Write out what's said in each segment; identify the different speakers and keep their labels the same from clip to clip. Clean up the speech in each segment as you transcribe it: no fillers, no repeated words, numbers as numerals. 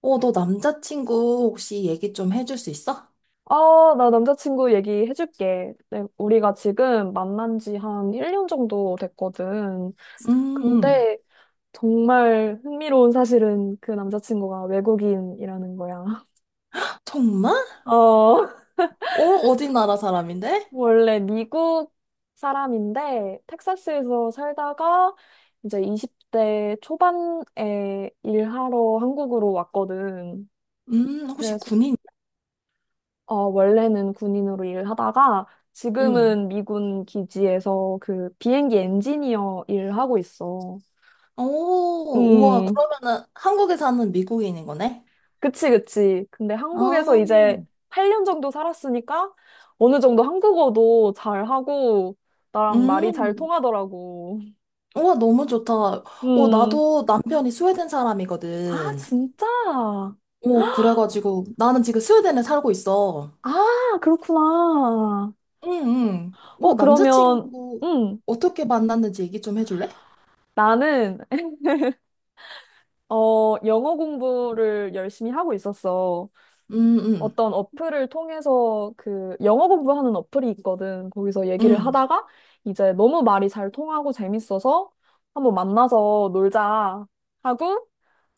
Speaker 1: 너 남자친구 혹시 얘기 좀 해줄 수 있어?
Speaker 2: 아, 나 남자친구 얘기해줄게. 네, 우리가 지금 만난 지 한 1년 정도 됐거든.
Speaker 1: 음, 음.
Speaker 2: 근데 정말 흥미로운 사실은 그 남자친구가 외국인이라는 거야.
Speaker 1: 정말?
Speaker 2: 어,
Speaker 1: 어디 나라 사람인데?
Speaker 2: 원래 미국 사람인데 텍사스에서 살다가 이제 20대 초반에 일하러 한국으로 왔거든.
Speaker 1: 혹시
Speaker 2: 그래서
Speaker 1: 군인?
Speaker 2: 어, 원래는 군인으로 일을 하다가
Speaker 1: 음.
Speaker 2: 지금은 미군 기지에서 그 비행기 엔지니어 일을 하고 있어.
Speaker 1: 오, 우와,
Speaker 2: 음,
Speaker 1: 그러면은 한국에 사는 미국인인 거네?
Speaker 2: 그치, 그치. 근데 한국에서
Speaker 1: 아,
Speaker 2: 이제 8년 정도 살았으니까 어느 정도 한국어도 잘하고 나랑 말이 잘
Speaker 1: 음.
Speaker 2: 통하더라고.
Speaker 1: 우와, 너무 좋다.
Speaker 2: 음,
Speaker 1: 나도 남편이 스웨덴
Speaker 2: 아,
Speaker 1: 사람이거든.
Speaker 2: 진짜?
Speaker 1: 오, 그래가지고 나는 지금 스웨덴에 살고 있어.
Speaker 2: 아, 그렇구나.
Speaker 1: 응, 응. 오,
Speaker 2: 어, 그러면,
Speaker 1: 남자친구
Speaker 2: 음,
Speaker 1: 어떻게 만났는지 얘기 좀 해줄래?
Speaker 2: 나는, 어, 영어 공부를 열심히 하고 있었어.
Speaker 1: 응, 응,
Speaker 2: 어떤 어플을 통해서 그 영어 공부하는 어플이 있거든. 거기서 얘기를
Speaker 1: 응.
Speaker 2: 하다가 이제 너무 말이 잘 통하고 재밌어서 한번 만나서 놀자 하고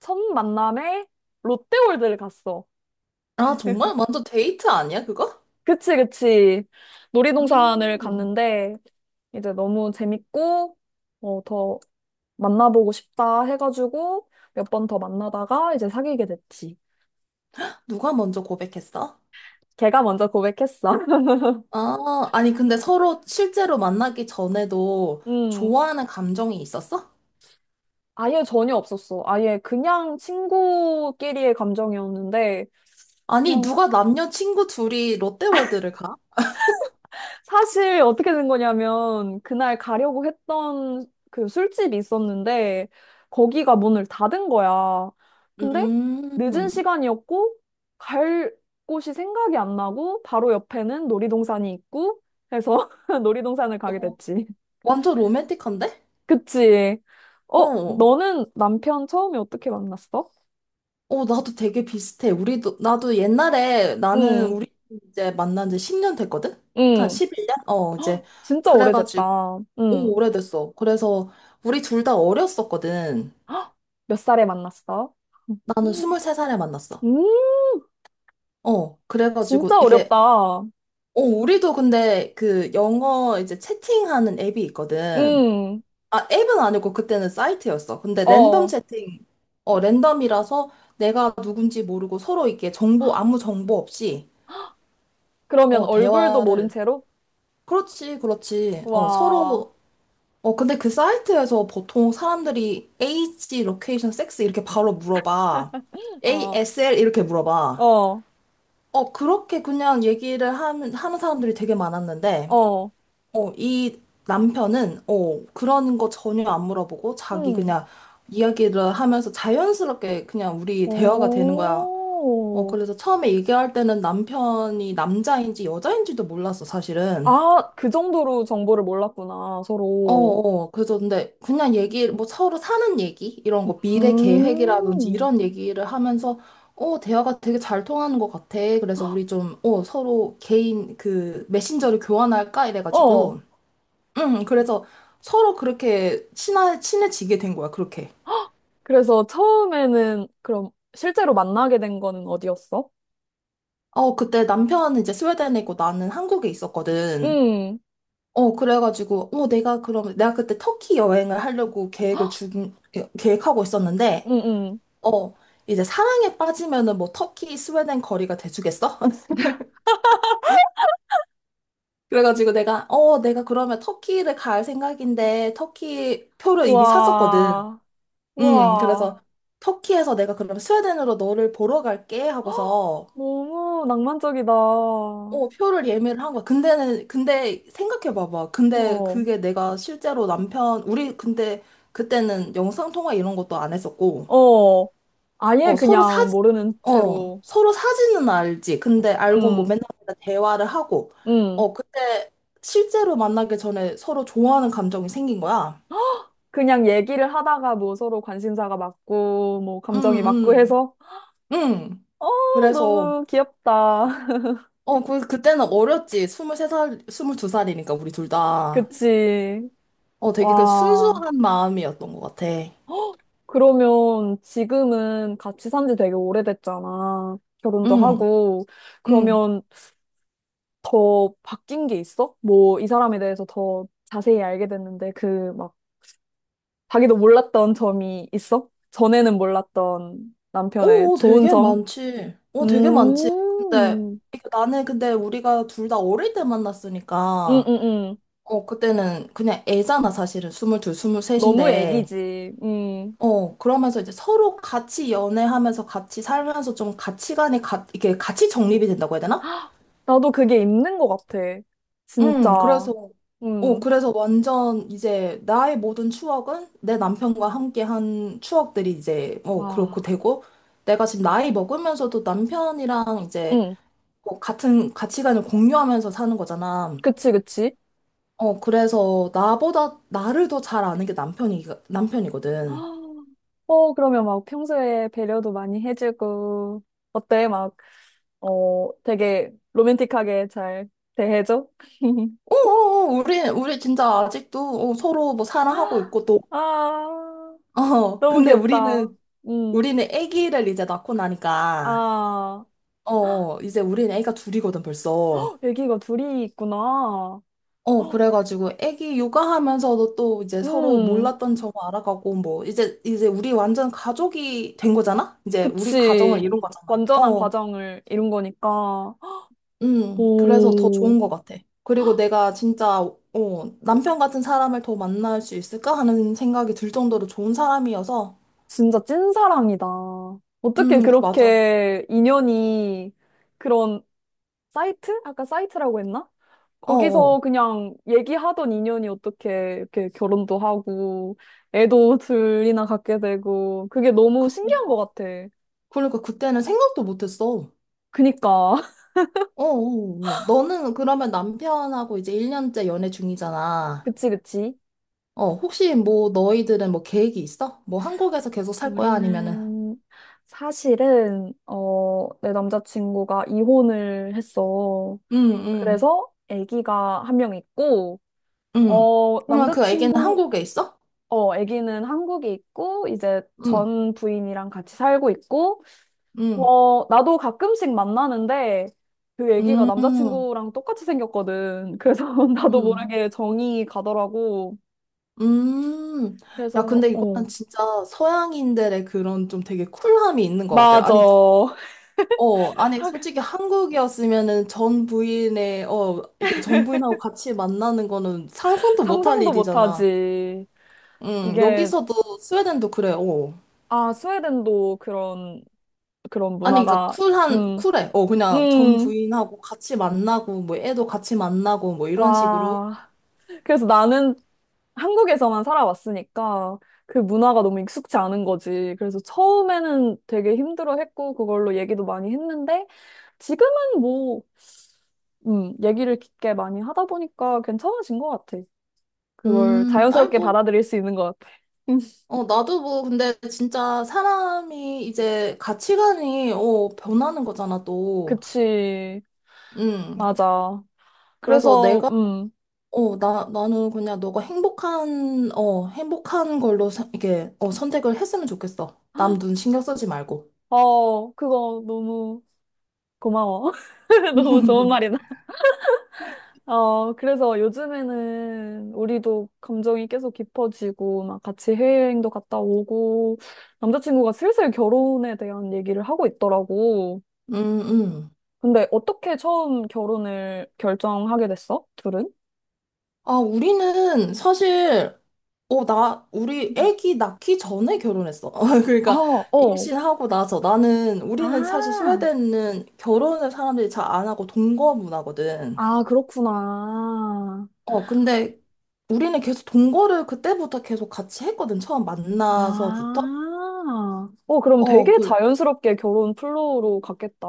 Speaker 2: 첫 만남에 롯데월드를 갔어.
Speaker 1: 아, 정말? 완전 데이트 아니야, 그거?
Speaker 2: 그치, 그치. 놀이동산을
Speaker 1: 음,
Speaker 2: 갔는데 이제 너무 재밌고 어, 더 만나보고 싶다 해가지고 몇 번 더 만나다가 이제 사귀게 됐지.
Speaker 1: 누가 먼저 고백했어?
Speaker 2: 걔가 먼저 고백했어.
Speaker 1: 아, 아니, 근데 서로 실제로 만나기 전에도
Speaker 2: 음.
Speaker 1: 좋아하는 감정이 있었어?
Speaker 2: 아예 전혀 없었어. 아예 그냥 친구끼리의 감정이었는데,
Speaker 1: 아니,
Speaker 2: 그냥
Speaker 1: 누가 남녀 친구 둘이 롯데월드를 가?
Speaker 2: 사실 어떻게 된 거냐면, 그날 가려고 했던 그 술집이 있었는데, 거기가 문을 닫은 거야. 근데 늦은
Speaker 1: 음,
Speaker 2: 시간이었고, 갈 곳이 생각이 안 나고, 바로 옆에는 놀이동산이 있고, 해서 놀이동산을 가게
Speaker 1: 어,
Speaker 2: 됐지.
Speaker 1: 완전 로맨틱한데?
Speaker 2: 그치? 어,
Speaker 1: 어,
Speaker 2: 너는 남편 처음에 어떻게 만났어?
Speaker 1: 나도 되게 비슷해. 나도 옛날에 나는
Speaker 2: 응,
Speaker 1: 우리 이제 만난 지 10년 됐거든? 한
Speaker 2: 응.
Speaker 1: 11년?
Speaker 2: 헉,
Speaker 1: 이제.
Speaker 2: 진짜
Speaker 1: 그래가지고,
Speaker 2: 오래됐다.
Speaker 1: 오,
Speaker 2: 응.
Speaker 1: 오래됐어. 그래서 우리 둘 다 어렸었거든.
Speaker 2: 헉, 몇 살에 만났어?
Speaker 1: 나는 23살에 만났어.
Speaker 2: 음,
Speaker 1: 그래가지고
Speaker 2: 진짜
Speaker 1: 이게,
Speaker 2: 어렸다.
Speaker 1: 우리도 근데 그 영어 이제 채팅하는 앱이 있거든.
Speaker 2: 음,
Speaker 1: 아, 앱은 아니고 그때는 사이트였어. 근데 랜덤
Speaker 2: 어.
Speaker 1: 채팅, 랜덤이라서 내가 누군지 모르고 서로 이게 정보, 아무 정보 없이,
Speaker 2: 그러면 얼굴도 모른
Speaker 1: 대화를.
Speaker 2: 채로?
Speaker 1: 그렇지, 그렇지.
Speaker 2: 와,
Speaker 1: 서로, 근데 그 사이트에서 보통 사람들이 age, location, sex 이렇게 바로 물어봐.
Speaker 2: 어,
Speaker 1: ASL 이렇게 물어봐.
Speaker 2: 어,
Speaker 1: 그렇게 그냥 얘기를 하는 사람들이 되게 많았는데,
Speaker 2: 어,
Speaker 1: 이 남편은, 그런 거 전혀 안 물어보고, 자기
Speaker 2: 음,
Speaker 1: 그냥 이야기를 하면서 자연스럽게 그냥 우리 대화가 되는 거야.
Speaker 2: 오.
Speaker 1: 그래서 처음에 얘기할 때는 남편이 남자인지 여자인지도 몰랐어, 사실은.
Speaker 2: 아, 그 정도로 정보를 몰랐구나, 서로.
Speaker 1: 그래서 근데 그냥 얘기, 뭐 서로 사는 얘기? 이런 거, 미래 계획이라든지
Speaker 2: 음,
Speaker 1: 이런 얘기를 하면서, 대화가 되게 잘 통하는 것 같아. 그래서 우리 좀, 서로 개인 그 메신저를 교환할까?
Speaker 2: 어.
Speaker 1: 이래가지고. 응, 그래서 서로 그렇게 친해지게 된 거야, 그렇게.
Speaker 2: 그래서 처음에는 그럼 실제로 만나게 된 거는 어디였어?
Speaker 1: 그때 남편은 이제 스웨덴에 있고 나는 한국에 있었거든.
Speaker 2: 음,
Speaker 1: 그래가지고, 내가 그러면, 내가 그때 터키 여행을 하려고 계획하고 있었는데,
Speaker 2: 음, 음.
Speaker 1: 어, 이제 사랑에 빠지면은 뭐 터키, 스웨덴 거리가 돼주겠어? 그래가지고 내가 그러면 터키를 갈 생각인데 터키 표를 이미 샀었거든.
Speaker 2: 와, 와,
Speaker 1: 그래서 터키에서 내가 그러면 스웨덴으로 너를 보러 갈게 하고서
Speaker 2: 너무 낭만적이다. 어,
Speaker 1: 표를 예매를 한 거야. 근데 생각해봐봐. 근데 그게 내가 실제로 남편, 우리 근데 그때는 영상통화 이런 것도 안 했었고.
Speaker 2: 어, 아예
Speaker 1: 어, 서로
Speaker 2: 그냥
Speaker 1: 사진,
Speaker 2: 모르는 채로,
Speaker 1: 서로 사진은 알지. 근데 알고 뭐
Speaker 2: 음,
Speaker 1: 맨날 맨날 대화를 하고,
Speaker 2: 음,
Speaker 1: 그때 실제로 만나기 전에 서로 좋아하는 감정이 생긴 거야.
Speaker 2: 그냥 얘기를 하다가 뭐 서로 관심사가 맞고, 뭐 감정이 맞고
Speaker 1: 응,
Speaker 2: 해서,
Speaker 1: 응, 응.
Speaker 2: 어,
Speaker 1: 그래서,
Speaker 2: 너무 귀엽다.
Speaker 1: 그때는 어렸지. 23살 스물 두 살이니까 우리 둘 다.
Speaker 2: 그치.
Speaker 1: 되게 그
Speaker 2: 와,
Speaker 1: 순수한 마음이었던 것 같아.
Speaker 2: 그러면 지금은 같이 산지 되게 오래됐잖아. 결혼도
Speaker 1: 응,
Speaker 2: 하고.
Speaker 1: 응.
Speaker 2: 그러면 더 바뀐 게 있어? 뭐, 이 사람에 대해서 더 자세히 알게 됐는데, 그, 막, 자기도 몰랐던 점이 있어? 전에는 몰랐던 남편의
Speaker 1: 오,
Speaker 2: 좋은
Speaker 1: 되게
Speaker 2: 점?
Speaker 1: 많지. 되게 많지. 근데,
Speaker 2: 음,
Speaker 1: 이게 나는 근데 우리가 둘 다 어릴 때
Speaker 2: 음, 음,
Speaker 1: 만났으니까,
Speaker 2: 음.
Speaker 1: 그때는 그냥 애잖아, 사실은. 22,
Speaker 2: 너무
Speaker 1: 23인데.
Speaker 2: 애기지. 음.
Speaker 1: 그러면서 이제 서로 같이 연애하면서 같이 살면서 좀 가치관이 이게 같이 정립이 된다고 해야 되나?
Speaker 2: 헉, 나도 그게 있는 것 같아. 진짜.
Speaker 1: 그래서,
Speaker 2: 음.
Speaker 1: 그래서 완전 이제 나의 모든 추억은 내 남편과 함께 한 추억들이 이제, 그렇고
Speaker 2: 와.
Speaker 1: 되고, 내가 지금 나이 먹으면서도 남편이랑 이제,
Speaker 2: 음.
Speaker 1: 같은 가치관을 공유하면서 사는 거잖아.
Speaker 2: 그치, 그치.
Speaker 1: 그래서 나보다 나를 더 잘 아는 게 남편이, 남편이거든.
Speaker 2: 헉, 어, 그러면 막 평소에 배려도 많이 해주고, 어때? 막 어, 되게 로맨틱하게 잘 대해줘?
Speaker 1: 오오오, 우리 진짜 아직도 서로 뭐 사랑하고 있고 또,
Speaker 2: 아, 너무
Speaker 1: 근데
Speaker 2: 귀엽다. 음,
Speaker 1: 우리는 아기를 이제 낳고 나니까,
Speaker 2: 아,
Speaker 1: 이제 우리는 아기가 둘이거든, 벌써.
Speaker 2: 헉, 애기가 둘이 있구나. 헉,
Speaker 1: 그래가지고 아기 육아하면서도 또 이제, 서로
Speaker 2: 음,
Speaker 1: 몰랐던 점을 알아가고, 뭐, 이제 우리 완전 가족이 된 거잖아? 이제 우리 가정을
Speaker 2: 그치.
Speaker 1: 이룬 거잖아.
Speaker 2: 완전한 과정을 이룬 거니까.
Speaker 1: 그래서 더
Speaker 2: 오,
Speaker 1: 좋은 것 같아. 그리고 내가 진짜, 남편 같은 사람을 더 만날 수 있을까 하는 생각이 들 정도로 좋은 사람이어서,
Speaker 2: 진짜 찐사랑이다. 어떻게
Speaker 1: 맞아.
Speaker 2: 그렇게 인연이 그런 사이트? 아까 사이트라고 했나? 거기서
Speaker 1: 어어.
Speaker 2: 그냥 얘기하던 인연이 어떻게 이렇게 결혼도 하고, 애도 둘이나 갖게 되고, 그게 너무 신기한 것
Speaker 1: 그러니까.
Speaker 2: 같아.
Speaker 1: 그러니까 그때는 생각도 못했어.
Speaker 2: 그니까.
Speaker 1: 어어. 너는 그러면 남편하고 이제 1년째 연애 중이잖아.
Speaker 2: 그치, 그치.
Speaker 1: 혹시 뭐 너희들은 뭐 계획이 있어? 뭐 한국에서 계속 살 거야? 아니면은?
Speaker 2: 우리는 사실은, 어, 내 남자친구가 이혼을 했어.
Speaker 1: 응, 응,
Speaker 2: 그래서 아기가 한 명 있고,
Speaker 1: 응.
Speaker 2: 어,
Speaker 1: 그러면 그 애기는
Speaker 2: 남자친구,
Speaker 1: 한국에 있어?
Speaker 2: 어, 아기는 한국에 있고, 이제
Speaker 1: 응,
Speaker 2: 전 부인이랑 같이 살고 있고,
Speaker 1: 응,
Speaker 2: 어, 나도 가끔씩 만나는데 그 애기가
Speaker 1: 응
Speaker 2: 남자친구랑 똑같이 생겼거든. 그래서
Speaker 1: 응
Speaker 2: 나도 모르게 정이 가더라고.
Speaker 1: 응 야,
Speaker 2: 그래서,
Speaker 1: 근데
Speaker 2: 어,
Speaker 1: 이거는 진짜 서양인들의 그런 좀 되게 쿨함이 있는 것 같아.
Speaker 2: 맞아.
Speaker 1: 아니, 아니, 솔직히 한국이었으면은 전 부인의, 이게 전 부인하고 같이 만나는 거는 상상도 못할
Speaker 2: 상상도
Speaker 1: 일이잖아.
Speaker 2: 못하지.
Speaker 1: 응,
Speaker 2: 이게,
Speaker 1: 여기서도 스웨덴도 그래.
Speaker 2: 아, 스웨덴도 그런, 그런
Speaker 1: 아니, 그러니까
Speaker 2: 문화가, 음,
Speaker 1: 쿨해. 그냥 전
Speaker 2: 음,
Speaker 1: 부인하고 같이 만나고, 뭐, 애도 같이 만나고, 뭐, 이런 식으로.
Speaker 2: 와. 그래서 나는 한국에서만 살아왔으니까 그 문화가 너무 익숙치 않은 거지. 그래서 처음에는 되게 힘들어했고 그걸로 얘기도 많이 했는데 지금은 뭐 얘기를 깊게 많이 하다 보니까 괜찮아진 것 같아. 그걸
Speaker 1: 아니,
Speaker 2: 자연스럽게
Speaker 1: 뭐,
Speaker 2: 받아들일 수 있는 것 같아. 음,
Speaker 1: 나도 뭐, 근데 진짜 사람이 이제 가치관이, 변하는 거잖아, 또.
Speaker 2: 그치.
Speaker 1: 음,
Speaker 2: 맞아.
Speaker 1: 그래서
Speaker 2: 그래서,
Speaker 1: 내가 나는 그냥 너가 행복한 걸로 이게, 선택을 했으면 좋겠어. 남 눈 신경 쓰지 말고.
Speaker 2: 어, 그거 너무 고마워. 너무 좋은 말이다. 어, 그래서 요즘에는 우리도 감정이 계속 깊어지고, 막 같이 해외여행도 갔다 오고, 남자친구가 슬슬 결혼에 대한 얘기를 하고 있더라고.
Speaker 1: 음, 음.
Speaker 2: 근데 어떻게 처음 결혼을 결정하게 됐어? 둘은?
Speaker 1: 아, 우리는 사실, 우리
Speaker 2: 음.
Speaker 1: 애기 낳기 전에 결혼했어.
Speaker 2: 아,
Speaker 1: 그러니까
Speaker 2: 어.
Speaker 1: 임신하고 나서 우리는 사실
Speaker 2: 아,
Speaker 1: 스웨덴은 결혼을 사람들이 잘 안 하고 동거 문화거든.
Speaker 2: 아, 그렇구나.
Speaker 1: 근데 우리는 계속 동거를 그때부터 계속 같이 했거든. 처음 만나서부터.
Speaker 2: 아, 어, 그럼
Speaker 1: 어,
Speaker 2: 되게
Speaker 1: 그,
Speaker 2: 자연스럽게 결혼 플로우로 갔겠다.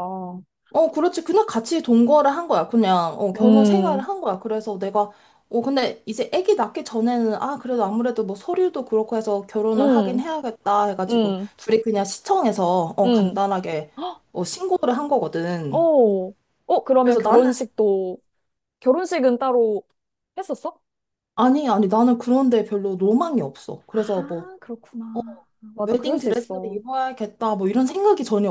Speaker 1: 그렇지. 그냥 같이 동거를 한 거야. 그냥, 결혼 생활을
Speaker 2: 음,
Speaker 1: 한 거야. 그래서 근데 이제 아기 낳기 전에는, 아, 그래도 아무래도 뭐 서류도 그렇고 해서 결혼을 하긴
Speaker 2: 음,
Speaker 1: 해야겠다 해가지고,
Speaker 2: 음,
Speaker 1: 둘이 그냥 시청에서,
Speaker 2: 음.
Speaker 1: 간단하게, 신고를 한
Speaker 2: 어,
Speaker 1: 거거든.
Speaker 2: 어, 그러면
Speaker 1: 그래서
Speaker 2: 결혼식도, 결혼식은 따로 했었어?
Speaker 1: 아니, 아니, 나는 그런데 별로 로망이 없어. 그래서 뭐,
Speaker 2: 아,
Speaker 1: 어,
Speaker 2: 그렇구나. 맞아, 그럴
Speaker 1: 웨딩
Speaker 2: 수
Speaker 1: 드레스를
Speaker 2: 있어.
Speaker 1: 입어야겠다, 뭐 이런 생각이 전혀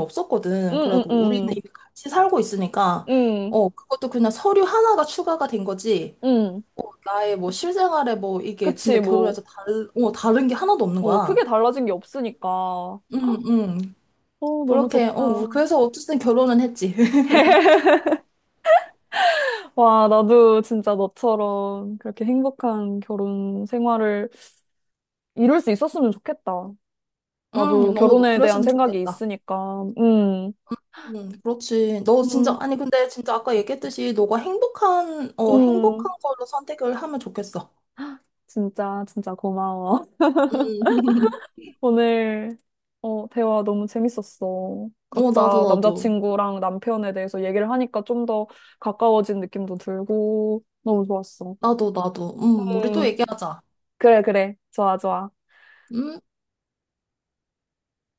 Speaker 2: 응,
Speaker 1: 없었거든.
Speaker 2: 응,
Speaker 1: 그래갖고 우리는
Speaker 2: 응,
Speaker 1: 이미 같이 살고 있으니까,
Speaker 2: 응,
Speaker 1: 그것도 그냥 서류 하나가 추가가 된 거지.
Speaker 2: 응.
Speaker 1: 나의 뭐 실생활에 뭐 이게
Speaker 2: 그치,
Speaker 1: 진짜
Speaker 2: 뭐,
Speaker 1: 결혼해서 다른 게 하나도 없는
Speaker 2: 어, 크게
Speaker 1: 거야.
Speaker 2: 달라진 게 없으니까. 어,
Speaker 1: 응, 응.
Speaker 2: 너무
Speaker 1: 그렇게, 우리
Speaker 2: 좋다.
Speaker 1: 그래서 어쨌든 결혼은 했지.
Speaker 2: 와, 나도 진짜 너처럼 그렇게 행복한 결혼 생활을 이룰 수 있었으면 좋겠다.
Speaker 1: 응,
Speaker 2: 나도
Speaker 1: 너,
Speaker 2: 결혼에 대한
Speaker 1: 그랬으면
Speaker 2: 생각이
Speaker 1: 좋겠다.
Speaker 2: 있으니까. 응,
Speaker 1: 응, 그렇지. 너 진짜,
Speaker 2: 응,
Speaker 1: 아니, 근데 진짜 아까 얘기했듯이 너가 행복한
Speaker 2: 응.
Speaker 1: 걸로 선택을 하면 좋겠어.
Speaker 2: 진짜, 진짜 고마워.
Speaker 1: 응,
Speaker 2: 오늘 어, 대화 너무 재밌었어.
Speaker 1: 나도,
Speaker 2: 각자
Speaker 1: 나도.
Speaker 2: 남자친구랑 남편에 대해서 얘기를 하니까 좀 더 가까워진 느낌도 들고 너무 좋았어.
Speaker 1: 나도, 나도. 응, 우리 또
Speaker 2: 음,
Speaker 1: 얘기하자.
Speaker 2: 그래, 그래. 좋아, 좋아.
Speaker 1: 음.